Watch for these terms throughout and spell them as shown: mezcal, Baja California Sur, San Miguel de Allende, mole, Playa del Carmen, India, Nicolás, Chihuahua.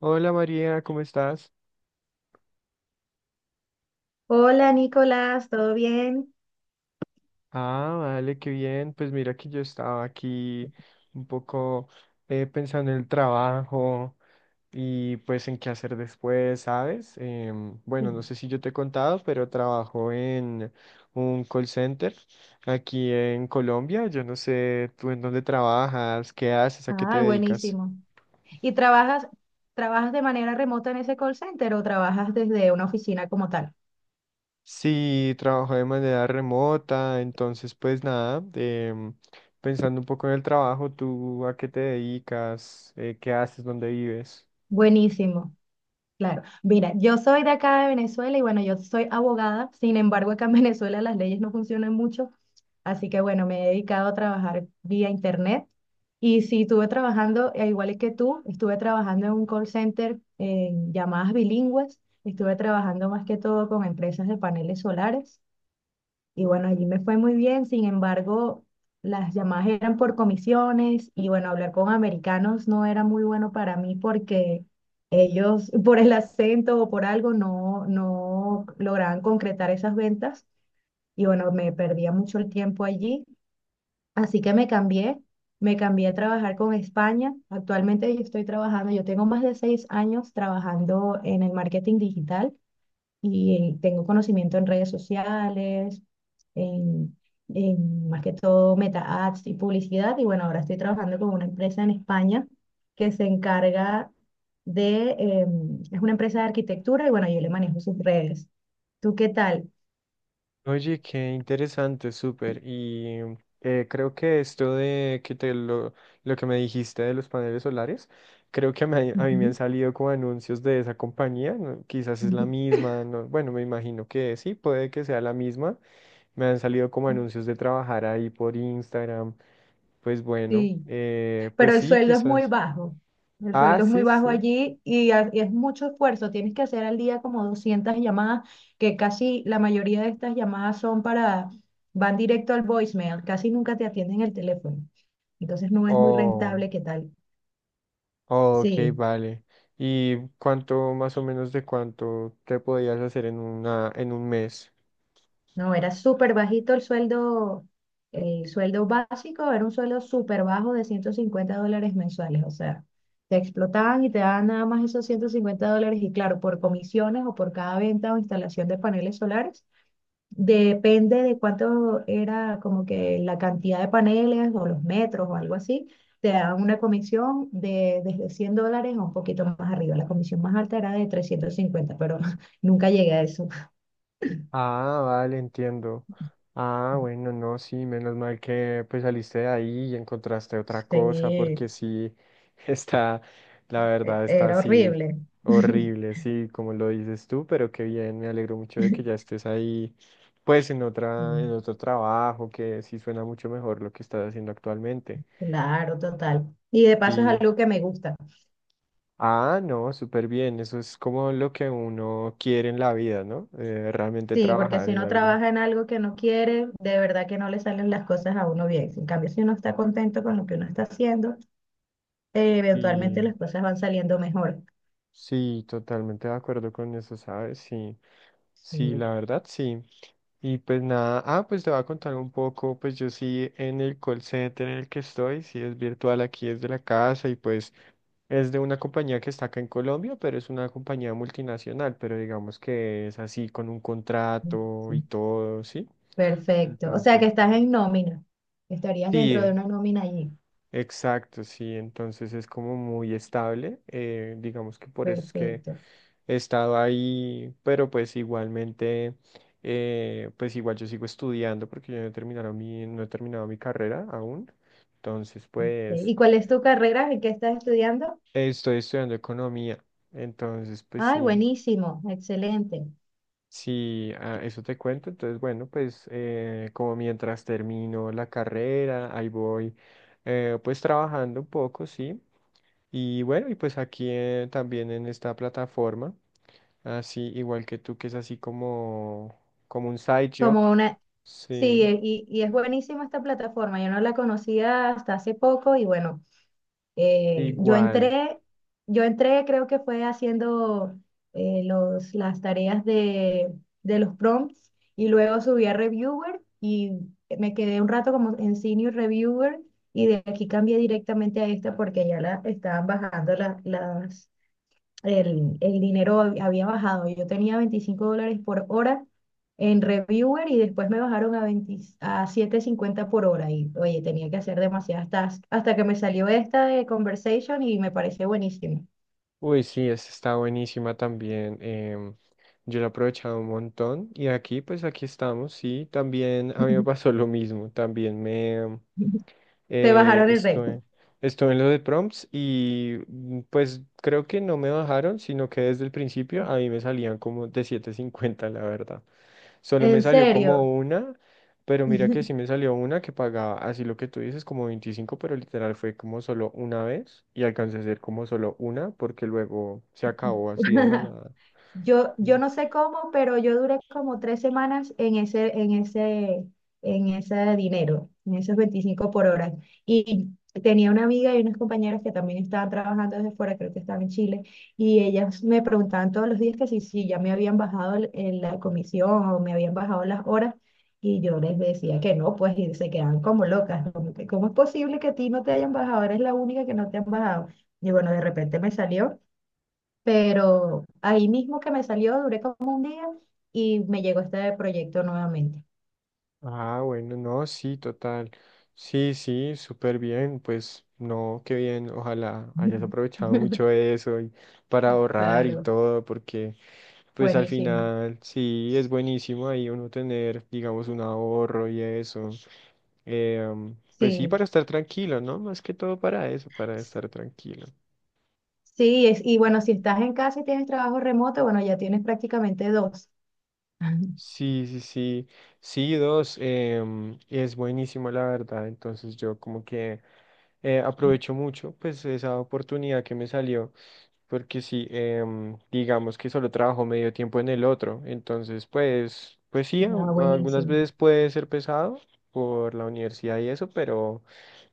Hola María, ¿cómo estás? Hola Nicolás, ¿todo bien? Ah, vale, qué bien. Pues mira que yo estaba aquí un poco pensando en el trabajo y pues en qué hacer después, ¿sabes? Bueno, no Sí. sé si yo te he contado, pero trabajo en un call center aquí en Colombia. Yo no sé tú en dónde trabajas, qué haces, a qué te Ah, dedicas. buenísimo. ¿Y trabajas de manera remota en ese call center o trabajas desde una oficina como tal? Sí, trabajo de manera remota, entonces pues nada, pensando un poco en el trabajo, ¿tú a qué te dedicas? ¿Qué haces? ¿Dónde vives? Buenísimo, claro. Mira, yo soy de acá de Venezuela y bueno, yo soy abogada, sin embargo, acá en Venezuela las leyes no funcionan mucho, así que bueno, me he dedicado a trabajar vía internet y sí, estuve trabajando, igual que tú, estuve trabajando en un call center en llamadas bilingües, estuve trabajando más que todo con empresas de paneles solares. Y bueno, allí me fue muy bien, sin embargo, las llamadas eran por comisiones y bueno, hablar con americanos no era muy bueno para mí porque ellos por el acento o por algo no, no lograban concretar esas ventas y bueno, me perdía mucho el tiempo allí, así que me cambié a trabajar con España. Actualmente yo estoy trabajando, yo tengo más de 6 años trabajando en el marketing digital y tengo conocimiento en redes sociales, en, en más que todo meta ads y publicidad. Y bueno, ahora estoy trabajando con una empresa en España que se encarga de, eh, es una empresa de arquitectura y bueno, yo le manejo sus redes. ¿Tú qué tal? Oye, qué interesante, súper. Y creo que esto de que lo que me dijiste de los paneles solares, creo que a mí me han Ujú. salido como anuncios de esa compañía, ¿no? Quizás es la misma, bueno, me imagino que sí, puede que sea la misma. Me han salido como anuncios de trabajar ahí por Instagram. Pues bueno, Sí, pero pues el sí, sueldo es muy quizás. bajo. El Ah, sueldo es muy sí, bajo sí. allí y es mucho esfuerzo. Tienes que hacer al día como 200 llamadas, que casi la mayoría de estas llamadas van directo al voicemail, casi nunca te atienden el teléfono. Entonces no es muy Oh, rentable. ¿Qué tal? oh, ok, Sí. vale. ¿Y cuánto más o menos de cuánto te podías hacer en en un mes? No, era súper bajito el sueldo básico, era un sueldo súper bajo de $150 mensuales, o sea, te explotaban y te daban nada más esos $150 y claro, por comisiones o por cada venta o instalación de paneles solares, depende de cuánto era como que la cantidad de paneles o los metros o algo así, te daban una comisión de desde $100 a un poquito más arriba, la comisión más alta era de 350, pero nunca llegué a eso. Ah, vale, entiendo. Ah, bueno, no, sí, menos mal que pues saliste de ahí y encontraste otra cosa, Sí. porque sí, está, la verdad, está Era así horrible. horrible, sí, como lo dices tú, pero qué bien, me alegro mucho de que ya estés ahí, pues en en Mm. otro trabajo, que sí suena mucho mejor lo que estás haciendo actualmente. Claro, total. Y de paso es Sí. algo que me gusta. Ah, no, súper bien, eso es como lo que uno quiere en la vida, ¿no? Realmente Sí, porque trabajar si en uno algo. trabaja en algo que no quiere, de verdad que no le salen las cosas a uno bien. En cambio, si uno está contento con lo que uno está haciendo, eventualmente Sí. las cosas van saliendo mejor. Sí, totalmente de acuerdo con eso, ¿sabes? Sí, Sí, sí, la verdad, sí. Y pues nada, pues te voy a contar un poco, pues yo sí en el call center en el que estoy, sí es virtual, aquí es de la casa y pues es de una compañía que está acá en Colombia, pero es una compañía multinacional, pero digamos que es así con un contrato sí. y todo, ¿sí? Perfecto. O sea que Entonces, estás en nómina. Estarías dentro de sí, una nómina allí. exacto, sí, entonces es como muy estable, digamos que por eso es que Perfecto. he estado ahí, pero pues igualmente, pues igual yo sigo estudiando porque yo no he terminado mi carrera aún, entonces Sí. pues ¿Y cuál es tu carrera? ¿En qué estás estudiando? estoy estudiando economía, entonces pues Ay, sí, buenísimo. Excelente. sí, eso te cuento. Entonces, bueno, pues como mientras termino la carrera, ahí voy pues trabajando un poco, sí. Y bueno, y pues aquí también en esta plataforma, así igual que tú, que es así como un side job. Como una... Sí, Sí, y es buenísima esta plataforma. Yo no la conocía hasta hace poco y bueno, eh, yo igual. entré, yo entré creo que fue haciendo las tareas de los prompts y luego subí a reviewer y me quedé un rato como en senior reviewer y de aquí cambié directamente a esta porque ya la estaban bajando la- las el dinero había bajado. Yo tenía $25 por hora en Reviewer y después me bajaron a 20 a siete cincuenta por hora. Y oye, tenía que hacer demasiadas tasks hasta que me salió esta de Conversation y me pareció buenísimo. Uy, sí, esta está buenísima también. Yo la he aprovechado un montón. Y aquí, pues aquí estamos, sí. También a mí me pasó lo mismo. También Te eh, bajaron el reto. estuve, estuve en lo de prompts y pues creo que no me bajaron, sino que desde el principio a mí me salían como de siete cincuenta, la verdad. Solo me En salió serio. como una, pero mira que sí me salió una que pagaba, así lo que tú dices, como 25, pero literal fue como solo una vez y alcancé a hacer como solo una porque luego se acabó así de la nada. Yo no sé cómo, pero yo duré como 3 semanas en en ese dinero, en esos 25 por hora. Y tenía una amiga y unas compañeras que también estaban trabajando desde fuera, creo que estaban en Chile, y ellas me preguntaban todos los días que si, si ya me habían bajado la comisión o me habían bajado las horas, y yo les decía que no, pues y se quedaban como locas, como que, ¿cómo es posible que a ti no te hayan bajado? Eres la única que no te han bajado. Y bueno, de repente me salió, pero ahí mismo que me salió, duré como un día y me llegó este proyecto nuevamente. Ah, bueno, no, sí, total. Sí, sí, súper bien. Pues no, qué bien. Ojalá hayas aprovechado mucho de eso y para ahorrar y Claro, todo, porque pues al buenísimo. final sí es buenísimo ahí uno tener, digamos, un ahorro y eso. Pues sí, Sí, para estar tranquilo, ¿no? Más que todo para eso, para S- estar tranquilo. sí, y bueno, si estás en casa y tienes trabajo remoto, bueno, ya tienes prácticamente dos. Sí, sí, sí. Sí, dos, es buenísimo, la verdad. Entonces yo aprovecho mucho pues esa oportunidad que me salió, porque sí, digamos que solo trabajo medio tiempo en el otro, entonces pues sí, Ah, algunas buenísimo. veces puede ser pesado por la universidad y eso, pero,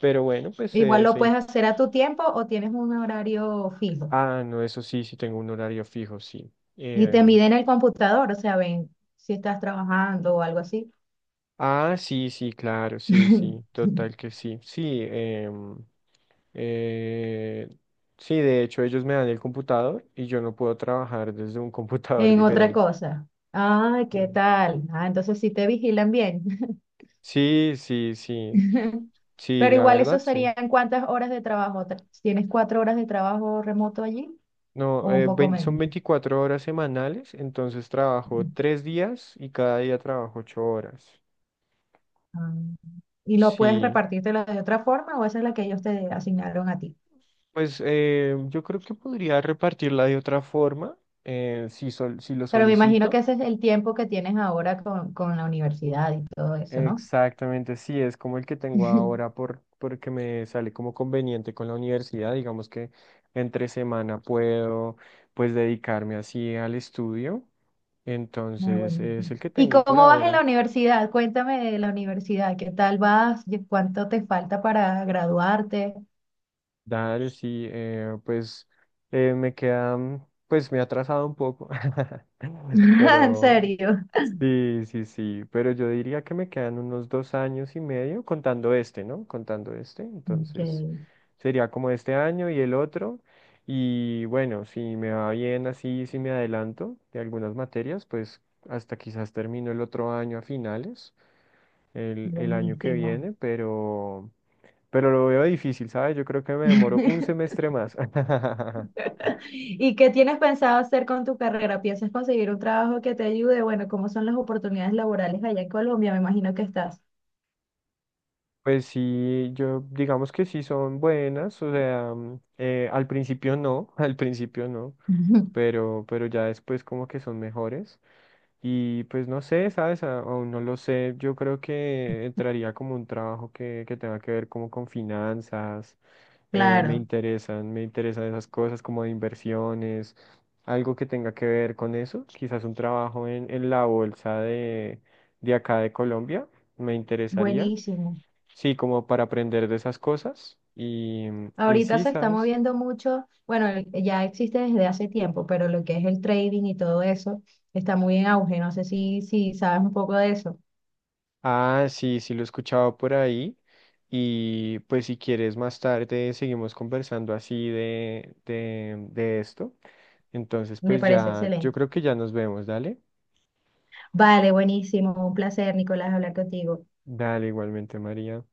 pero bueno, pues Igual eh, lo se puedes in- hacer a tu tiempo o tienes un horario fijo. Ah, no, eso sí, sí tengo un horario fijo, sí. Y te Em, miden el computador, o sea, ven si estás trabajando o algo así. Ah, sí, sí, claro, sí, sí, total que sí. Sí, eh, sí, de hecho ellos me dan el computador y yo no puedo trabajar desde un computador En otra diferente. cosa. Ay, ¿qué Sí, tal? Ah, entonces sí te vigilan bien. sí, sí, sí, sí, Pero la igual eso verdad, sí. serían cuántas horas de trabajo. ¿Tienes 4 horas de trabajo remoto allí? ¿O No, un poco son menos? 24 horas semanales, entonces trabajo Ok. 3 días y cada día trabajo 8 horas. Ah, ¿y lo puedes Sí, repartírtelo de otra forma o esa es la que ellos te asignaron a ti? pues yo creo que podría repartirla de otra forma, si lo Pero me imagino solicito. que ese es el tiempo que tienes ahora con la universidad y todo eso, ¿no? Exactamente, sí, es como el que tengo ahora porque me sale como conveniente con la universidad, digamos que entre semana puedo pues dedicarme así al estudio, Ah, entonces es buenísimo. el que ¿Y tengo por cómo vas en ahora. la universidad? Cuéntame de la universidad, ¿qué tal vas? ¿Y ¿Cuánto te falta para graduarte? Dale, sí, pues pues me he atrasado un poco, ¿En pero serio? sí, sí, sí, pero yo diría que me quedan unos 2 años y medio contando este, ¿no? Contando este, Ok, entonces sería como este año y el otro. Y bueno, si me va bien así, si me adelanto de algunas materias, pues hasta quizás termino el otro año a finales, el año que buenísimo. viene, pero, lo veo difícil, ¿sabes? Yo creo que me demoro un semestre más. ¿Y qué tienes pensado hacer con tu carrera? ¿Piensas conseguir un trabajo que te ayude? Bueno, ¿cómo son las oportunidades laborales allá en Colombia? Me imagino que estás. Pues sí, yo digamos que sí son buenas, o sea, al principio no, al principio no, pero ya después como que son mejores. Y pues no sé, ¿sabes? Aún no lo sé, yo creo que entraría como un trabajo que tenga que ver como con finanzas, Claro, me interesan esas cosas como de inversiones, algo que tenga que ver con eso, quizás un trabajo en la bolsa de acá de Colombia, me interesaría. buenísimo. Sí, como para aprender de esas cosas. Y Ahorita sí, se está ¿sabes? moviendo mucho, bueno, ya existe desde hace tiempo, pero lo que es el trading y todo eso está muy en auge. No sé si, si sabes un poco de eso. Ah, sí, sí lo he escuchado por ahí. Y pues si quieres más tarde seguimos conversando así de esto. Entonces, Me pues parece ya, yo excelente. creo que ya nos vemos, dale. Vale, buenísimo. Un placer, Nicolás, hablar contigo. Dale igualmente, María.